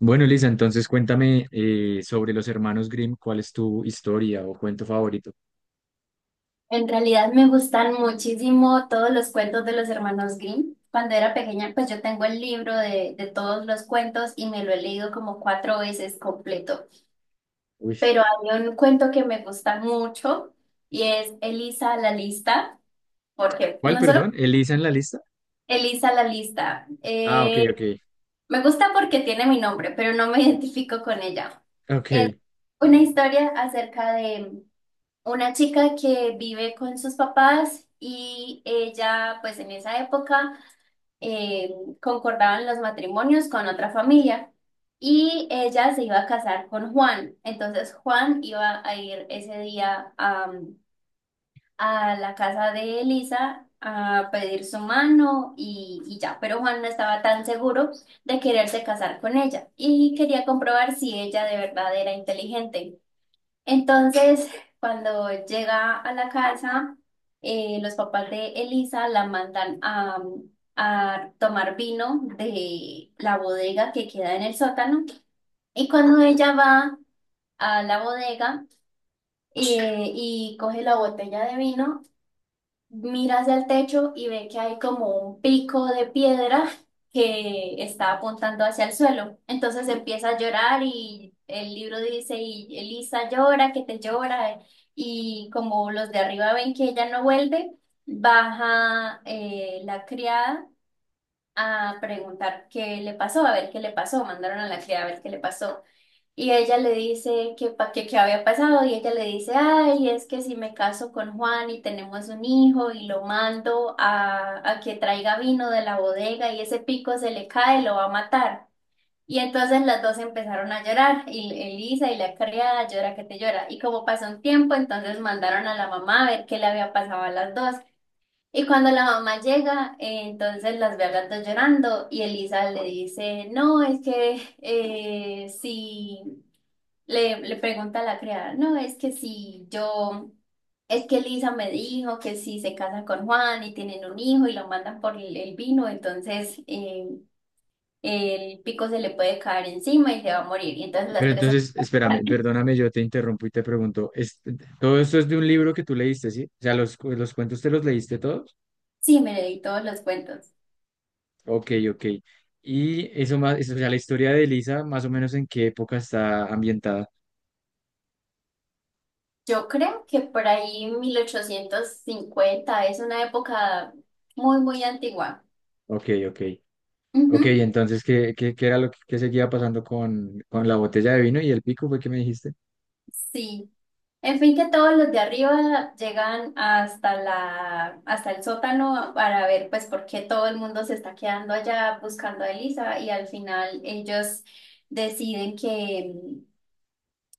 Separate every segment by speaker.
Speaker 1: Bueno, Elisa, entonces cuéntame sobre los hermanos Grimm, ¿cuál es tu historia o cuento favorito?
Speaker 2: En realidad me gustan muchísimo todos los cuentos de los hermanos Grimm. Cuando era pequeña, pues yo tengo el libro de todos los cuentos y me lo he leído como cuatro veces completo.
Speaker 1: Uy,
Speaker 2: Pero hay un cuento que me gusta mucho y es Elisa la lista, porque
Speaker 1: ¿cuál,
Speaker 2: no solo
Speaker 1: perdón? ¿Elisa en la lista?
Speaker 2: Elisa la lista,
Speaker 1: Ah, ok, ok,
Speaker 2: me gusta porque tiene mi nombre, pero no me identifico con ella.
Speaker 1: ok.
Speaker 2: Una historia acerca de una chica que vive con sus papás y ella, pues en esa época eh, concordaban los matrimonios con otra familia y ella se iba a casar con Juan. Entonces Juan iba a ir ese día a la casa de Elisa a pedir su mano y ya, pero Juan no estaba tan seguro de quererse casar con ella y quería comprobar si ella de verdad era inteligente. Entonces, cuando llega a la casa, los papás de Elisa la mandan a tomar vino de la bodega que queda en el sótano. Y cuando ella va a la bodega y coge la botella de vino, mira hacia el techo y ve que hay como un pico de piedra que está apuntando hacia el suelo. Entonces empieza a llorar y el libro dice, y Elisa llora, que te llora, y como los de arriba ven que ella no vuelve, baja la criada a preguntar qué le pasó, a ver qué le pasó, mandaron a la criada a ver qué le pasó. Y ella le dice que, que qué había pasado y ella le dice, ay, es que si me caso con Juan y tenemos un hijo y lo mando a que traiga vino de la bodega y ese pico se le cae, lo va a matar. Y entonces las dos empezaron a llorar y Elisa y la criada llora que te llora. Y como pasó un tiempo, entonces mandaron a la mamá a ver qué le había pasado a las dos. Y cuando la mamá llega, entonces las ve a las dos llorando y Elisa le dice, no, es que si... Le pregunta a la criada, no, es que si yo, es que Lisa me dijo que si se casa con Juan y tienen un hijo y lo mandan por el vino, entonces el pico se le puede caer encima y se va a morir. Y entonces las
Speaker 1: Pero
Speaker 2: tres se
Speaker 1: entonces, espérame,
Speaker 2: matan.
Speaker 1: perdóname, yo te interrumpo y te pregunto, ¿todo esto es de un libro que tú leíste, sí? O sea, los cuentos te los leíste todos?
Speaker 2: Sí, me leí todos los cuentos.
Speaker 1: Ok, ok. Y eso más, eso, o sea, la historia de Elisa, más o menos en qué época está ambientada.
Speaker 2: Yo creo que por ahí 1850 es una época muy, muy antigua.
Speaker 1: Ok, ok. Ok,
Speaker 2: Ujú.
Speaker 1: entonces, ¿qué era lo que qué seguía pasando con la botella de vino y el pico fue que me dijiste?
Speaker 2: Sí, en fin, que todos los de arriba llegan hasta hasta el sótano para ver pues por qué todo el mundo se está quedando allá buscando a Elisa y al final ellos deciden que,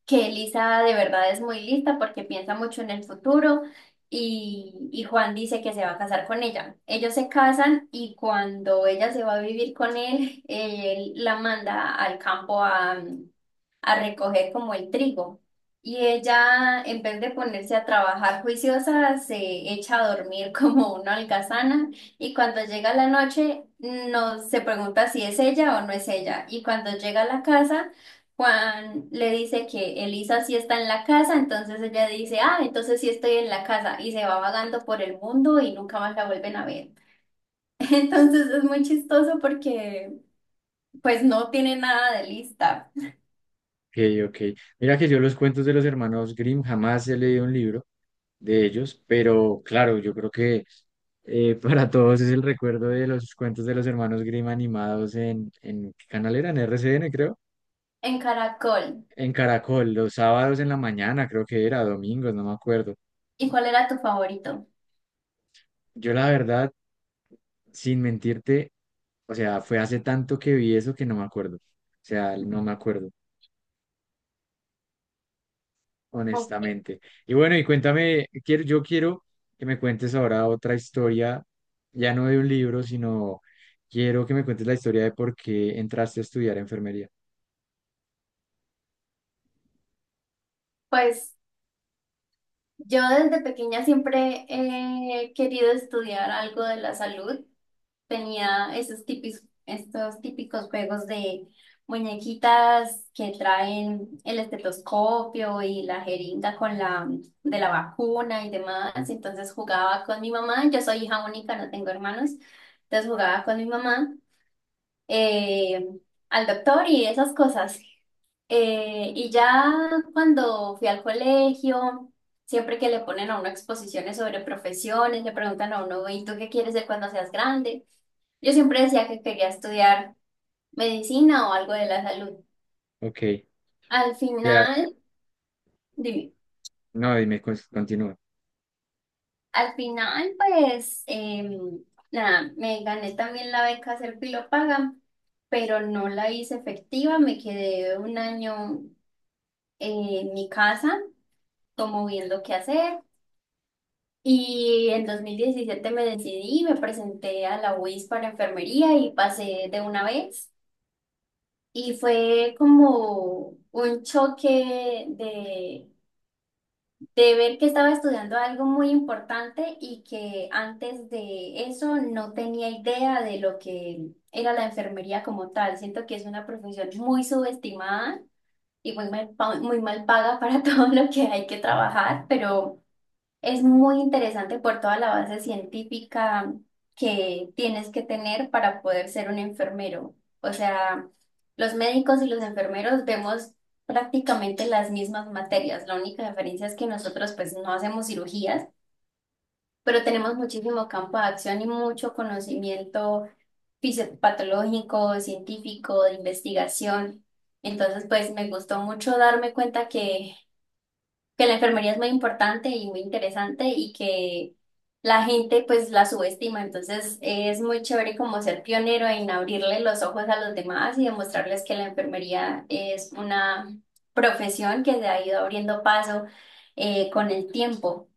Speaker 2: que Elisa de verdad es muy lista porque piensa mucho en el futuro y Juan dice que se va a casar con ella. Ellos se casan y cuando ella se va a vivir con él, él la manda al campo a recoger como el trigo. Y ella, en vez de ponerse a trabajar juiciosa, se echa a dormir como una holgazana y cuando llega la noche no se pregunta si es ella o no es ella. Y cuando llega a la casa, Juan le dice que Elisa sí está en la casa, entonces ella dice, ah, entonces sí estoy en la casa y se va vagando por el mundo y nunca más la vuelven a ver. Entonces es muy chistoso porque pues no tiene nada de lista.
Speaker 1: Ok. Ok. Mira que yo los cuentos de los hermanos Grimm jamás he leído un libro de ellos, pero claro, yo creo que para todos es el recuerdo de los cuentos de los hermanos Grimm animados en ¿qué canal era? En RCN, creo.
Speaker 2: En Caracol.
Speaker 1: En Caracol, los sábados en la mañana, creo que era, domingos, no me acuerdo.
Speaker 2: ¿Y cuál era tu favorito?
Speaker 1: Yo la verdad, sin mentirte, o sea, fue hace tanto que vi eso que no me acuerdo. O sea, no me acuerdo,
Speaker 2: Oh.
Speaker 1: honestamente. Y bueno, y cuéntame, quiero, yo quiero que me cuentes ahora otra historia, ya no de un libro, sino quiero que me cuentes la historia de por qué entraste a estudiar enfermería.
Speaker 2: Pues yo desde pequeña siempre he querido estudiar algo de la salud. Tenía estos típicos juegos de muñequitas que traen el estetoscopio y la jeringa con la de la vacuna y demás. Entonces jugaba con mi mamá. Yo soy hija única, no tengo hermanos. Entonces jugaba con mi mamá eh, al doctor y esas cosas. Y ya cuando fui al colegio, siempre que le ponen a uno exposiciones sobre profesiones, le preguntan a uno, ¿y tú qué quieres ser cuando seas grande? Yo siempre decía que quería estudiar medicina o algo de la salud.
Speaker 1: Ok,
Speaker 2: Al
Speaker 1: ya,
Speaker 2: final, dime,
Speaker 1: no, dime, continúa.
Speaker 2: al final, pues, nada, me gané también la beca Serpilo Paga, pero no la hice efectiva, me quedé un año en mi casa, como viendo qué hacer. Y en 2017 me decidí, me presenté a la UIS para enfermería y pasé de una vez. Y fue como un choque de ver que estaba estudiando algo muy importante y que antes de eso no tenía idea de lo que era la enfermería como tal. Siento que es una profesión muy subestimada y muy mal, muy mal paga para todo lo que hay que trabajar, pero... Es muy interesante por toda la base científica que tienes que tener para poder ser un enfermero. O sea, los médicos y los enfermeros vemos prácticamente las mismas materias. La única diferencia es que nosotros pues no hacemos cirugías, pero tenemos muchísimo campo de acción y mucho conocimiento fisiopatológico, científico, de investigación. Entonces, pues me gustó mucho darme cuenta que la enfermería es muy importante y muy interesante y que la gente pues la subestima. Entonces es muy chévere como ser pionero en abrirle los ojos a los demás y demostrarles que la enfermería es una profesión que se ha ido abriendo paso con el tiempo.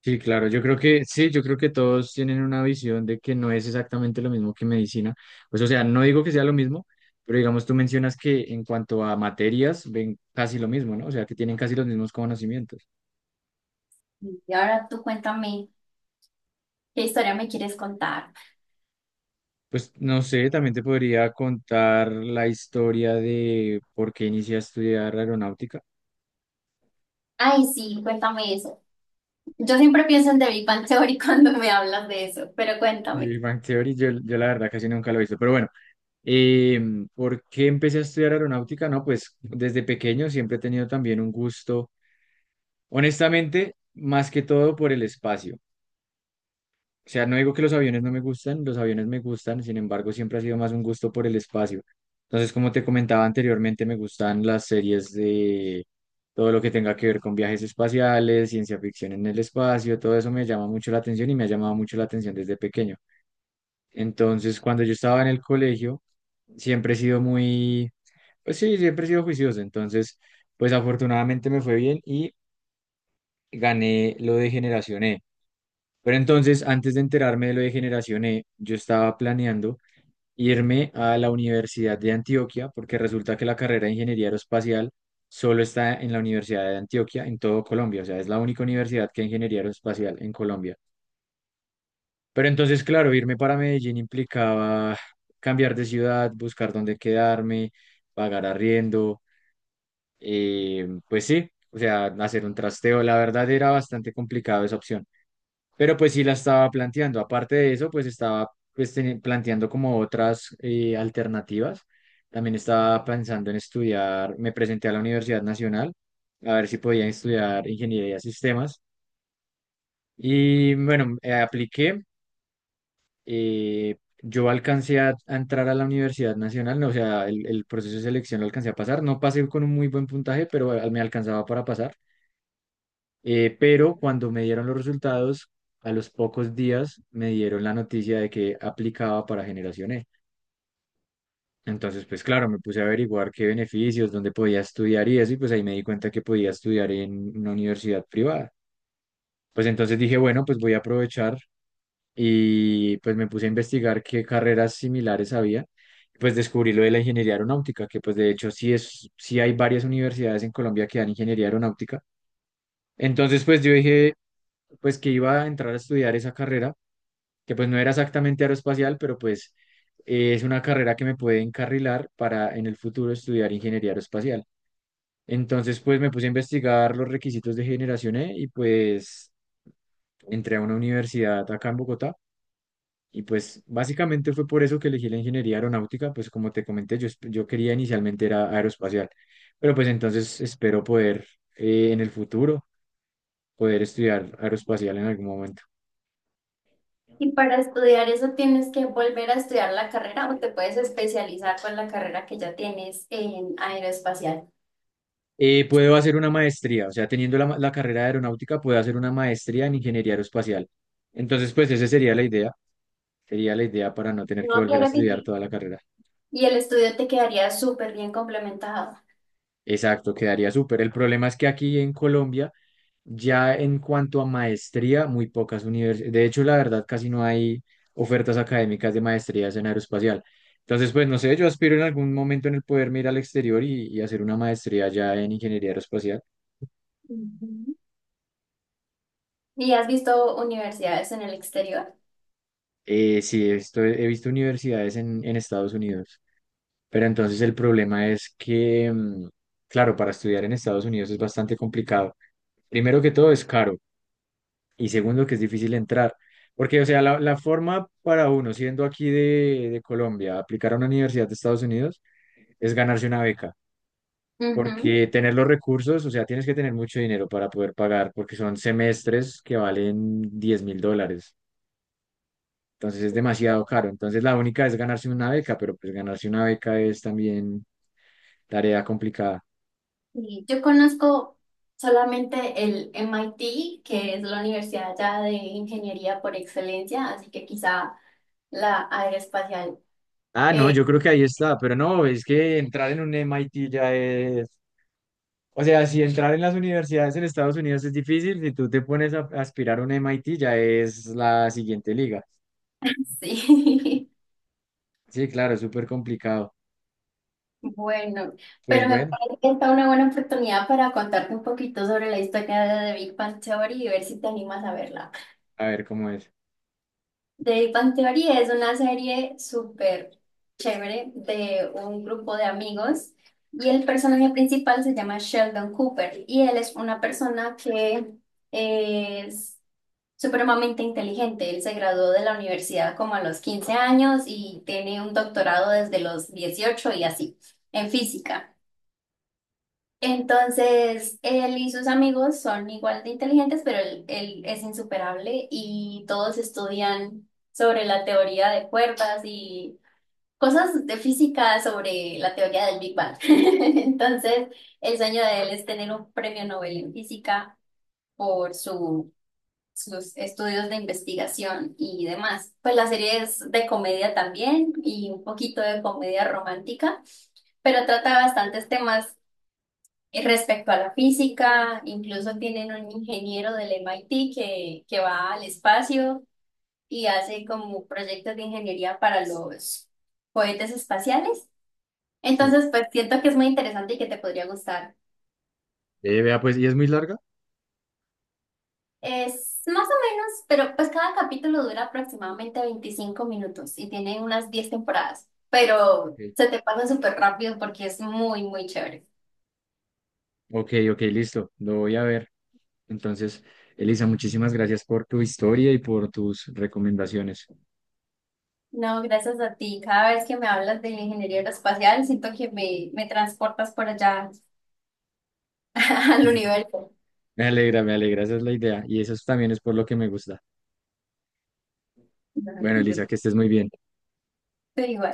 Speaker 1: Sí, claro, yo creo que sí, yo creo que todos tienen una visión de que no es exactamente lo mismo que medicina. Pues, o sea, no digo que sea lo mismo, pero digamos, tú mencionas que en cuanto a materias ven casi lo mismo, ¿no? O sea, que tienen casi los mismos conocimientos.
Speaker 2: Y ahora tú cuéntame, ¿qué historia me quieres contar?
Speaker 1: Pues no sé, también te podría contar la historia de por qué inicié a estudiar aeronáutica.
Speaker 2: Ay, sí, cuéntame eso. Yo siempre pienso en The Big Bang Theory cuando me hablas de eso, pero
Speaker 1: El
Speaker 2: cuéntame.
Speaker 1: Big Bang Theory, yo la verdad casi nunca lo he visto, pero bueno, ¿por qué empecé a estudiar aeronáutica? No, pues desde pequeño siempre he tenido también un gusto, honestamente, más que todo por el espacio. O sea, no digo que los aviones no me gustan, los aviones me gustan, sin embargo, siempre ha sido más un gusto por el espacio. Entonces, como te comentaba anteriormente, me gustan las series de todo lo que tenga que ver con viajes espaciales, ciencia ficción en el espacio, todo eso me llama mucho la atención y me ha llamado mucho la atención desde pequeño. Entonces, cuando yo estaba en el colegio, siempre he sido muy, pues sí, siempre he sido juicioso. Entonces, pues afortunadamente me fue bien y gané lo de Generación E. Pero entonces, antes de enterarme de lo de Generación E, yo estaba planeando irme a la Universidad de Antioquia, porque resulta que la carrera de Ingeniería Aeroespacial solo está en la Universidad de Antioquia, en todo Colombia. O sea, es la única universidad que hay Ingeniería Aeroespacial en Colombia. Pero entonces, claro, irme para Medellín implicaba cambiar de ciudad, buscar dónde quedarme, pagar arriendo, pues sí, o sea, hacer un trasteo. La verdad era bastante complicado esa opción. Pero pues sí la estaba planteando. Aparte de eso, pues estaba pues, planteando como otras alternativas. También estaba pensando en estudiar, me presenté a la Universidad Nacional a ver si podía estudiar ingeniería de sistemas. Y bueno, apliqué. eh, yo alcancé a entrar a la Universidad Nacional, no, o sea, el proceso de selección lo alcancé a pasar. No pasé con un muy buen puntaje, pero me alcanzaba para pasar. Pero cuando me dieron los resultados, a los pocos días me dieron la noticia de que aplicaba para Generación E. Entonces, pues claro, me puse a averiguar qué beneficios, dónde podía estudiar y eso, y pues ahí me di cuenta que podía estudiar en una universidad privada. Pues entonces dije, bueno, pues voy a aprovechar y pues me puse a investigar qué carreras similares había. Pues descubrí lo de la ingeniería aeronáutica, que pues de hecho sí es, sí hay varias universidades en Colombia que dan ingeniería aeronáutica. Entonces, pues yo dije, pues que iba a entrar a estudiar esa carrera que pues no era exactamente aeroespacial, pero pues es una carrera que me puede encarrilar para en el futuro estudiar ingeniería aeroespacial. Entonces pues me puse a investigar los requisitos de Generación E y pues entré a una universidad acá en Bogotá y pues básicamente fue por eso que elegí la ingeniería aeronáutica, pues como te comenté, yo quería inicialmente era aeroespacial, pero pues entonces espero poder en el futuro poder estudiar aeroespacial en algún momento.
Speaker 2: Y para estudiar eso tienes que volver a estudiar la carrera o te puedes especializar con la carrera que ya tienes en aeroespacial.
Speaker 1: Puedo hacer una maestría, o sea, teniendo la carrera de aeronáutica, puedo hacer una maestría en ingeniería aeroespacial. Entonces, pues esa sería la idea para no tener que
Speaker 2: No,
Speaker 1: volver a
Speaker 2: claro que
Speaker 1: estudiar
Speaker 2: sí.
Speaker 1: toda la carrera.
Speaker 2: Y el estudio te quedaría súper bien complementado.
Speaker 1: Exacto, quedaría súper. El problema es que aquí en Colombia, ya en cuanto a maestría, muy pocas universidades, de hecho, la verdad, casi no hay ofertas académicas de maestrías en aeroespacial. Entonces, pues no sé, yo aspiro en algún momento en el poderme ir al exterior y hacer una maestría ya en ingeniería aeroespacial.
Speaker 2: Ujú. ¿Y has visto universidades en el exterior?
Speaker 1: Sí, esto he visto universidades en Estados Unidos, pero entonces el problema es que, mm, claro, para estudiar en Estados Unidos es bastante complicado. Primero que todo es caro y segundo que es difícil entrar, porque, o sea, la forma para uno, siendo aquí de Colombia, aplicar a una universidad de Estados Unidos es ganarse una beca,
Speaker 2: Ujú.
Speaker 1: porque tener los recursos, o sea, tienes que tener mucho dinero para poder pagar, porque son semestres que valen $10,000. Entonces es demasiado caro. Entonces la única es ganarse una beca, pero pues ganarse una beca es también tarea complicada.
Speaker 2: Y yo conozco solamente el MIT, que es la universidad ya de ingeniería por excelencia, así que quizá la aeroespacial.
Speaker 1: Ah, no,
Speaker 2: Eh,
Speaker 1: yo creo que ahí está, pero no, es que entrar en un MIT ya es... O sea, si entrar en las universidades en Estados Unidos es difícil, si tú te pones a aspirar a un MIT ya es la siguiente liga.
Speaker 2: sí.
Speaker 1: Sí, claro, es súper complicado.
Speaker 2: Bueno,
Speaker 1: Pues
Speaker 2: pero me
Speaker 1: bueno,
Speaker 2: parece que esta es una buena oportunidad para contarte un poquito sobre la historia de The Big Bang Theory y ver si te animas a verla.
Speaker 1: a ver cómo es.
Speaker 2: The Big Bang Theory es una serie súper chévere de un grupo de amigos y el personaje principal se llama Sheldon Cooper y él es una persona que es supremamente inteligente. Él se graduó de la universidad como a los 15 años y tiene un doctorado desde los 18 y así, en física. Entonces, él y sus amigos son igual de inteligentes, pero él es insuperable y todos estudian sobre la teoría de cuerdas y cosas de física sobre la teoría del Big Bang. Entonces, el sueño de él es tener un premio Nobel en física por su, sus estudios de investigación y demás. Pues la serie es de comedia también y un poquito de comedia romántica pero trata bastantes temas respecto a la física, incluso tienen un ingeniero del MIT que va al espacio y hace como proyectos de ingeniería para los cohetes espaciales.
Speaker 1: Sí.
Speaker 2: Entonces, pues siento que es muy interesante y que te podría gustar.
Speaker 1: Vea, pues, ¿y es muy larga?
Speaker 2: Es más o menos, pero pues cada capítulo dura aproximadamente 25 minutos y tiene unas 10 temporadas, pero
Speaker 1: Ok,
Speaker 2: se te pasa súper rápido porque es muy, muy chévere.
Speaker 1: ok, ok, listo, lo voy a ver. Entonces, Elisa, muchísimas gracias por tu historia y por tus recomendaciones.
Speaker 2: No, gracias a ti. Cada vez que me hablas de ingeniería aeroespacial, siento que me transportas por allá al universo.
Speaker 1: Me alegra, esa es la idea y eso también es por lo que me gusta.
Speaker 2: No,
Speaker 1: Bueno, Elisa, que estés muy bien.
Speaker 2: te digo